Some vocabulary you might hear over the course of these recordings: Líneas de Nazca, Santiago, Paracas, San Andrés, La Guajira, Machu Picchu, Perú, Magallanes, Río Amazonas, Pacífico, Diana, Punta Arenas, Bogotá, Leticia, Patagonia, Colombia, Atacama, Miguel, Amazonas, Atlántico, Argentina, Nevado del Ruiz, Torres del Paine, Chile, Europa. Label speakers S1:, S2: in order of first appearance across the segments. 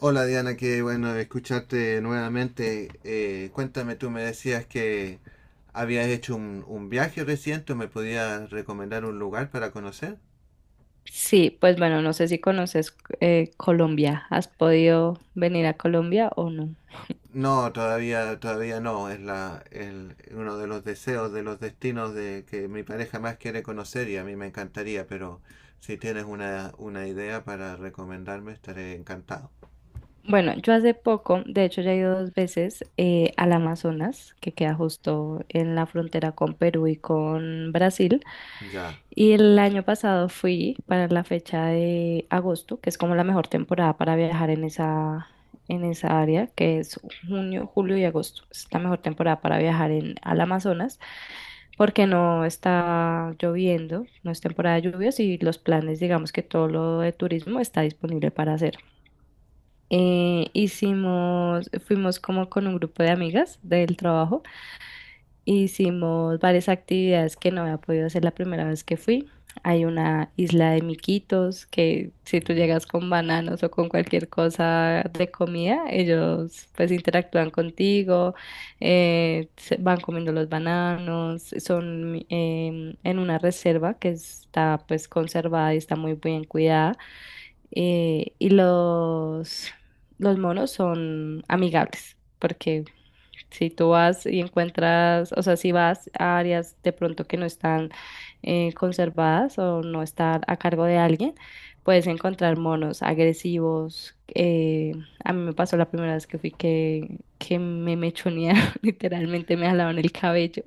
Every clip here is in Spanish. S1: Hola Diana, qué bueno escucharte nuevamente. Cuéntame, tú me decías que habías hecho un viaje reciente, ¿me podías recomendar un lugar para conocer?
S2: Sí, pues bueno, no sé si conoces Colombia. ¿Has podido venir a Colombia o no?
S1: No, todavía no. Es uno de los deseos, de los destinos de que mi pareja más quiere conocer y a mí me encantaría, pero si tienes una idea para recomendarme, estaré encantado.
S2: Bueno, yo hace poco, de hecho ya he ido dos veces al Amazonas, que queda justo en la frontera con Perú y con Brasil.
S1: Ya.
S2: Y el año pasado fui para la fecha de agosto, que es como la mejor temporada para viajar en esa área, que es junio, julio y agosto. Es la mejor temporada para viajar al Amazonas. Porque no está lloviendo, no es temporada de lluvias y los planes, digamos que todo lo de turismo está disponible para hacer. Fuimos como con un grupo de amigas del trabajo. Hicimos varias actividades que no había podido hacer la primera vez que fui. Hay una isla de miquitos que si tú
S1: Mm.
S2: llegas con bananos o con cualquier cosa de comida, ellos pues interactúan contigo, van comiendo los bananos, son en una reserva que está pues conservada y está muy bien cuidada. Y los monos son amigables. Porque si tú vas y encuentras, o sea, si vas a áreas de pronto que no están conservadas o no están a cargo de alguien, puedes encontrar monos agresivos. A mí me pasó la primera vez que fui que me mechonearon, literalmente me jalaban el cabello.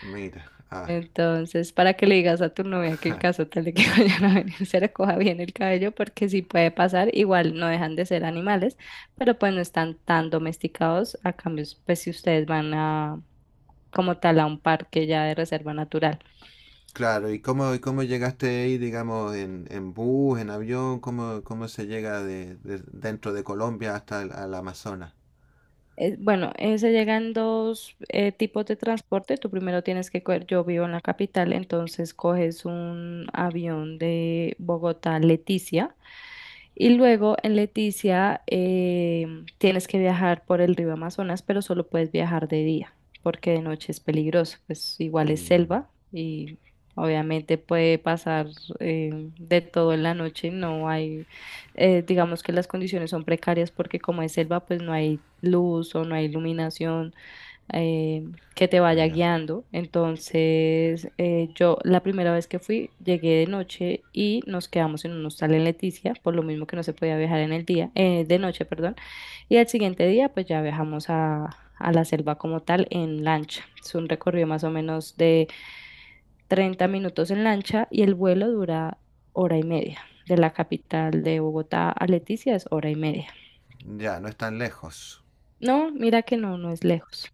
S1: Mira. Ah.
S2: Entonces, para que le digas a tu novia que en caso tal de que vayan a venir, se recoja bien el cabello, porque sí puede pasar, igual no dejan de ser animales, pero pues no están tan domesticados. A cambio, pues si ustedes van a como tal a un parque ya de reserva natural.
S1: Claro, ¿y cómo llegaste ahí, digamos, en bus, en avión? ¿Cómo se llega dentro de Colombia hasta el al Amazonas?
S2: Bueno, se llegan dos tipos de transporte. Tú primero tienes que coger, yo vivo en la capital, entonces coges un avión de Bogotá a Leticia y luego en Leticia tienes que viajar por el río Amazonas, pero solo puedes viajar de día porque de noche es peligroso, pues igual es
S1: Mm,
S2: selva y obviamente puede pasar de todo en la noche. No hay, digamos que las condiciones son precarias porque como es selva, pues no hay luz o no hay iluminación eh, que te vaya
S1: mira,
S2: guiando. Entonces, yo la primera vez que fui, llegué de noche y nos quedamos en un hostal en Leticia, por lo mismo que no se podía viajar en el día, de noche, perdón. Y al siguiente día, pues ya viajamos a la selva como tal en lancha. Es un recorrido más o menos de 30 minutos en lancha y el vuelo dura hora y media. De la capital de Bogotá a Leticia es hora y media.
S1: ya, no es tan lejos.
S2: No, mira que no, no es lejos.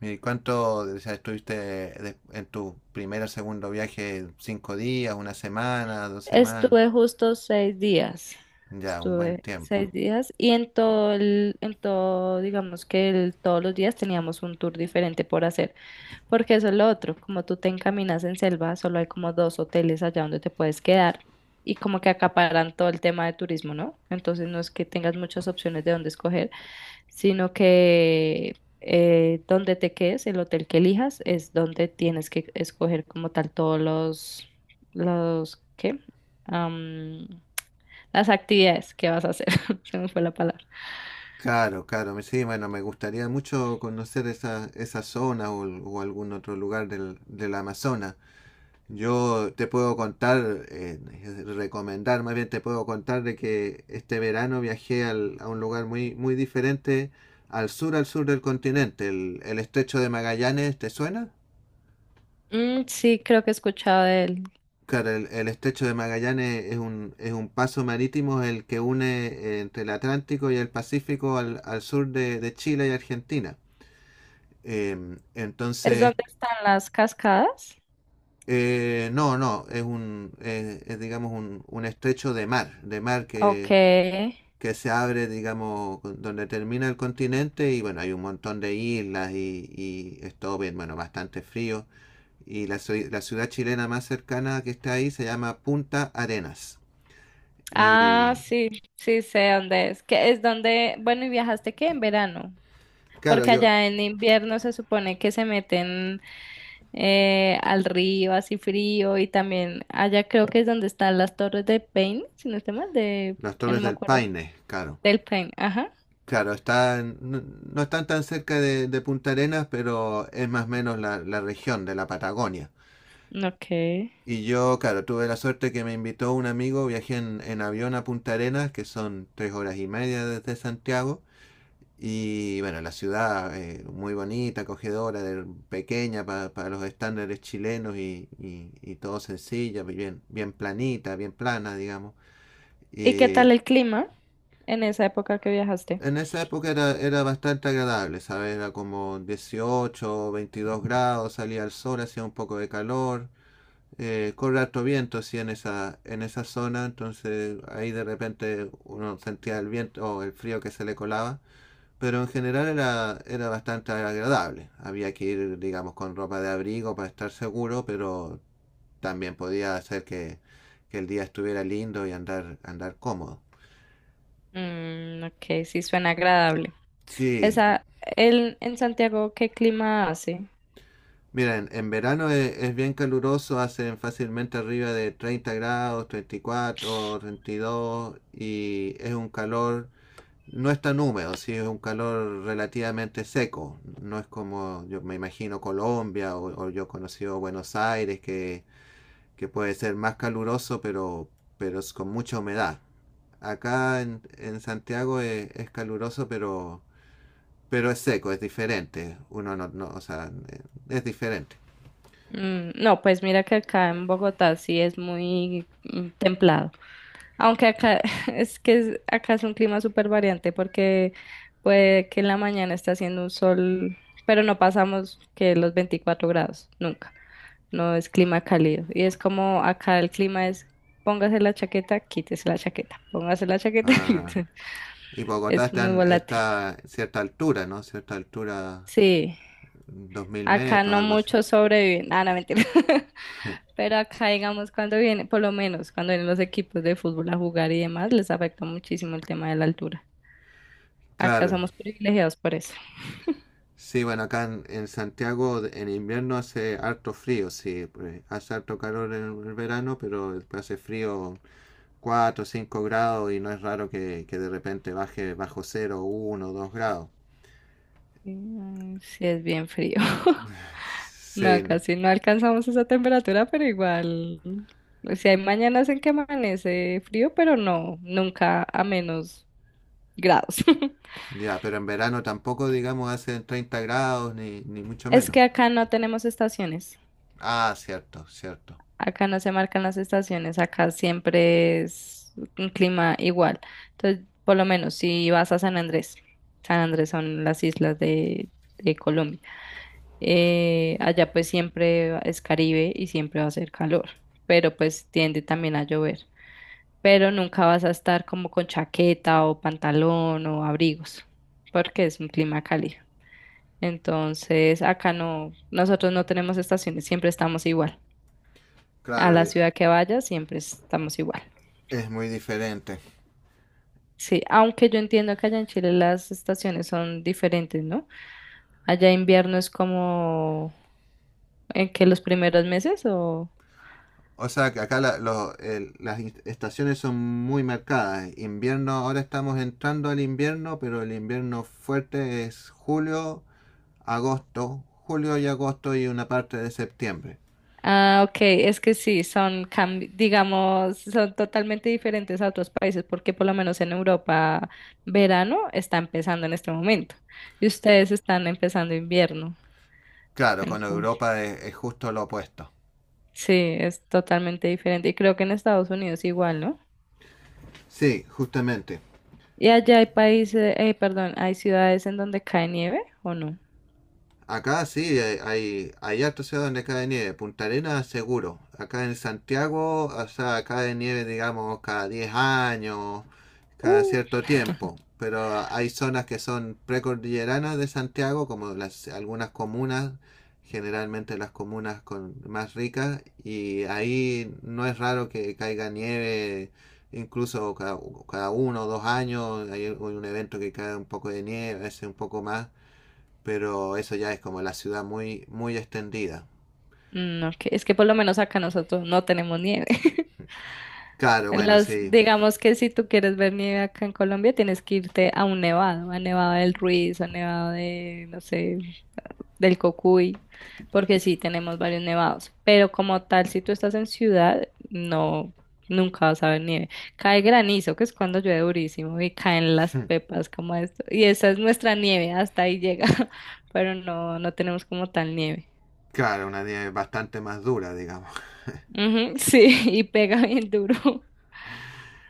S1: ¿Y cuánto, o sea, en tu primer o segundo viaje? ¿Cinco días, una semana, dos semanas?
S2: Estuve justo 6 días.
S1: Ya, un buen
S2: Estuve
S1: tiempo.
S2: 6 días y en todo el, digamos que todos los días teníamos un tour diferente por hacer, porque eso es lo otro. Como tú te encaminas en selva, solo hay como dos hoteles allá donde te puedes quedar y como que acaparan todo el tema de turismo, ¿no? Entonces no es que tengas muchas opciones de dónde escoger, sino que donde te quedes, el hotel que elijas, es donde tienes que escoger como tal todos los, ¿qué? Am, las actividades que vas a hacer. Se me fue la palabra.
S1: Claro, claro, sí, bueno, me gustaría mucho conocer esa zona o algún otro lugar del Amazonas. Yo te puedo contar, recomendar, más bien te puedo contar de que este verano a un lugar muy, muy diferente al sur del continente. El estrecho de Magallanes, ¿te suena?
S2: Mm, sí, creo que he escuchado de él.
S1: Claro, el estrecho de Magallanes es un paso marítimo el que une entre el Atlántico y el Pacífico al sur de Chile y Argentina.
S2: ¿Es
S1: Entonces,
S2: donde están las cascadas?
S1: no, es un, es, digamos un estrecho de mar
S2: Ok.
S1: que se abre, digamos, donde termina el continente y bueno, hay un montón de islas y es todo bien, bueno, bastante frío. Y la ciudad chilena más cercana que está ahí se llama Punta Arenas.
S2: Ah,
S1: Y
S2: sí, sí sé dónde es. Que es donde, bueno, ¿y viajaste qué? En verano.
S1: claro,
S2: Porque
S1: yo,
S2: allá en invierno se supone que se meten al río así frío y también allá creo que es donde están las torres de Paine, si no estoy mal, de,
S1: las
S2: no
S1: Torres
S2: me
S1: del
S2: acuerdo,
S1: Paine, claro.
S2: del Paine, ajá,
S1: Claro, están, no, no están tan cerca de Punta Arenas, pero es más o menos la región de la Patagonia.
S2: ok.
S1: Y yo, claro, tuve la suerte que me invitó un amigo, viajé en avión a Punta Arenas, que son tres horas y media desde Santiago. Y bueno, la ciudad muy bonita, acogedora, para los estándares chilenos y, y todo sencilla, bien, bien planita, bien plana, digamos.
S2: ¿Y qué
S1: Y
S2: tal el clima en esa época que viajaste?
S1: en esa época era, era bastante agradable, ¿sabes? Era como 18 o 22 grados, salía el sol, hacía un poco de calor, corre harto viento, sí, en esa zona, entonces ahí de repente uno sentía el viento o el frío que se le colaba. Pero en general era, era bastante agradable. Había que ir, digamos, con ropa de abrigo para estar seguro, pero también podía hacer que el día estuviera lindo y andar, andar cómodo.
S2: Mm, ok, sí suena agradable.
S1: Sí,
S2: Esa, en Santiago, ¿qué clima hace?
S1: miren, en verano es bien caluroso, hacen fácilmente arriba de 30 grados, 34, 32 y dos, y es un calor... No es tan húmedo, sí, es un calor relativamente seco. No es como, yo me imagino, Colombia o yo he conocido Buenos Aires, que puede ser más caluroso, pero es con mucha humedad. Acá en Santiago es caluroso, pero es seco, es diferente. Uno no, no o sea, es diferente.
S2: Mm, no, pues mira que acá en Bogotá sí es muy templado. Aunque acá acá es un clima súper variante porque puede que en la mañana esté haciendo un sol, pero no pasamos que los 24 grados, nunca. No es clima cálido. Y es como acá el clima es póngase la chaqueta, quítese la chaqueta, póngase la chaqueta,
S1: Ah,
S2: quítese.
S1: y Bogotá
S2: Es
S1: está
S2: muy
S1: en
S2: volátil.
S1: esta cierta altura, ¿no? Cierta altura,
S2: Sí,
S1: 2000
S2: acá
S1: metros,
S2: no
S1: algo así.
S2: muchos sobreviven. Ah, no, mentira. Pero acá, digamos, por lo menos cuando vienen los equipos de fútbol a jugar y demás, les afecta muchísimo el tema de la altura. Acá
S1: Claro.
S2: somos privilegiados por eso.
S1: Sí, bueno, acá en Santiago en invierno hace harto frío, sí, pues, hace harto calor en el verano, pero después hace frío 4 o 5 grados y no es raro que de repente baje bajo 0, 1, 2 grados.
S2: Mm, sí, es bien frío. No,
S1: Sí,
S2: casi no alcanzamos esa temperatura, pero igual. O sea, hay mañanas en que amanece frío, pero no, nunca a menos grados.
S1: ya, pero en verano tampoco, digamos, hacen 30 grados ni, ni mucho
S2: Es
S1: menos.
S2: que acá no tenemos estaciones.
S1: Ah, cierto, cierto.
S2: Acá no se marcan las estaciones. Acá siempre es un clima igual. Entonces, por lo menos si vas a San Andrés, San Andrés son las islas de Colombia. Allá pues siempre es Caribe y siempre va a ser calor, pero pues tiende también a llover. Pero nunca vas a estar como con chaqueta o pantalón o abrigos, porque es un clima cálido. Entonces, acá no, nosotros no tenemos estaciones, siempre estamos igual. A
S1: Claro,
S2: la ciudad que vayas, siempre estamos igual.
S1: es muy diferente.
S2: Sí, aunque yo entiendo que allá en Chile las estaciones son diferentes, ¿no? Allá invierno es como en que los primeros meses o...
S1: O sea, que acá las estaciones son muy marcadas. Invierno, ahora estamos entrando al invierno, pero el invierno fuerte es julio, agosto, julio y agosto y una parte de septiembre.
S2: Ah, ok, es que sí, digamos, son totalmente diferentes a otros países, porque por lo menos en Europa verano está empezando en este momento y ustedes están empezando invierno.
S1: Claro, con
S2: Entonces,
S1: Europa es justo lo opuesto.
S2: sí, es totalmente diferente. Y creo que en Estados Unidos igual, ¿no?
S1: Sí, justamente.
S2: Y allá hay países, perdón, hay ciudades en donde cae nieve o no.
S1: Acá sí, hay hartos ciudades donde cae nieve. Punta Arenas, seguro. Acá en Santiago, o sea, cae nieve, digamos, cada 10 años, cada
S2: Uh,
S1: cierto tiempo. Pero hay zonas que son precordilleranas de Santiago, como las, algunas comunas, generalmente las comunas con, más ricas, y ahí no es raro que caiga nieve, incluso cada, cada 1 o 2 años, hay un evento que cae un poco de nieve, a veces un poco más. Pero eso ya es como la ciudad muy, muy extendida.
S2: No, que es que por lo menos acá nosotros no tenemos nieve.
S1: Claro, bueno, sí.
S2: Digamos que si tú quieres ver nieve acá en Colombia, tienes que irte a un nevado, a Nevado del Ruiz, a Nevado de, no sé, del Cocuy, porque sí, tenemos varios nevados. Pero como tal, si tú estás en ciudad, no, nunca vas a ver nieve. Cae granizo, que es cuando llueve durísimo, y caen las pepas como esto. Y esa es nuestra nieve, hasta ahí llega, pero no, no tenemos como tal nieve.
S1: Claro, una nieve bastante más dura, digamos.
S2: Ujú, sí, y pega bien duro.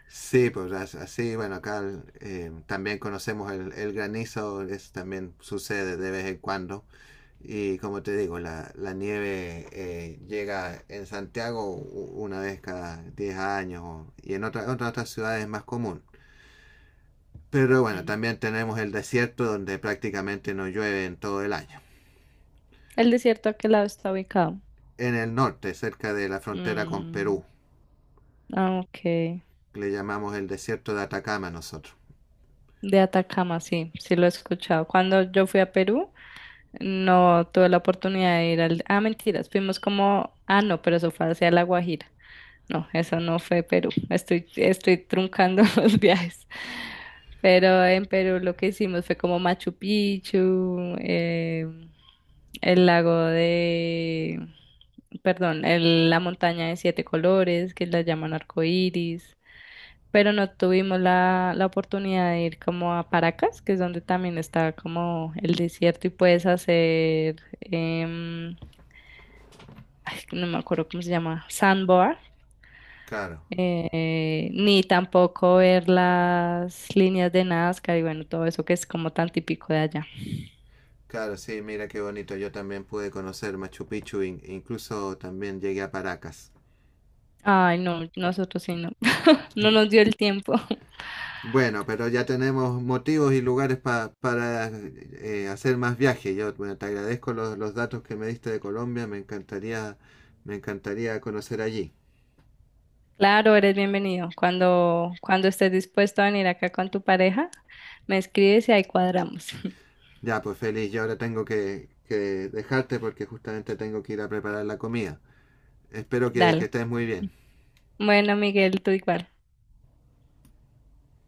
S1: Sí, pues así, bueno, acá también conocemos el granizo, eso también sucede de vez en cuando. Y como te digo, la nieve llega en Santiago una vez cada 10 años y en otras ciudades es más común. Pero bueno,
S2: Mm.
S1: también tenemos el desierto donde prácticamente no llueve en todo el año.
S2: ¿El desierto a qué lado está ubicado?
S1: En el norte, cerca de la frontera con
S2: Mm,
S1: Perú.
S2: ah, ok.
S1: Le llamamos el desierto de Atacama nosotros.
S2: De Atacama, sí, sí lo he escuchado. Cuando yo fui a Perú, no tuve la oportunidad de ir al... Ah, mentiras, fuimos como... Ah, no, pero eso fue hacia La Guajira. No, eso no fue Perú. Estoy truncando los viajes. Pero en Perú lo que hicimos fue como Machu Picchu, el lago de... Perdón, la montaña de siete colores, que la llaman arcoíris. Pero no tuvimos la oportunidad de ir como a Paracas, que es donde también está como el desierto y puedes hacer, ay, no me acuerdo cómo se llama, sandboard,
S1: Claro,
S2: ni tampoco ver las líneas de Nazca y bueno, todo eso que es como tan típico de allá.
S1: claro, sí, mira qué bonito. Yo también pude conocer Machu Picchu e incluso también llegué a Paracas.
S2: Ay, no, nosotros sí no, no nos dio el tiempo.
S1: Bueno, pero ya tenemos motivos y lugares para hacer más viajes. Yo bueno, te agradezco los datos que me diste de Colombia. Me encantaría conocer allí.
S2: Claro, eres bienvenido. Cuando estés dispuesto a venir acá con tu pareja, me escribes y ahí cuadramos.
S1: Ya, pues feliz. Yo ahora tengo que dejarte porque justamente tengo que ir a preparar la comida. Espero que
S2: Dale.
S1: estés muy bien.
S2: Bueno, Miguel, tú igual.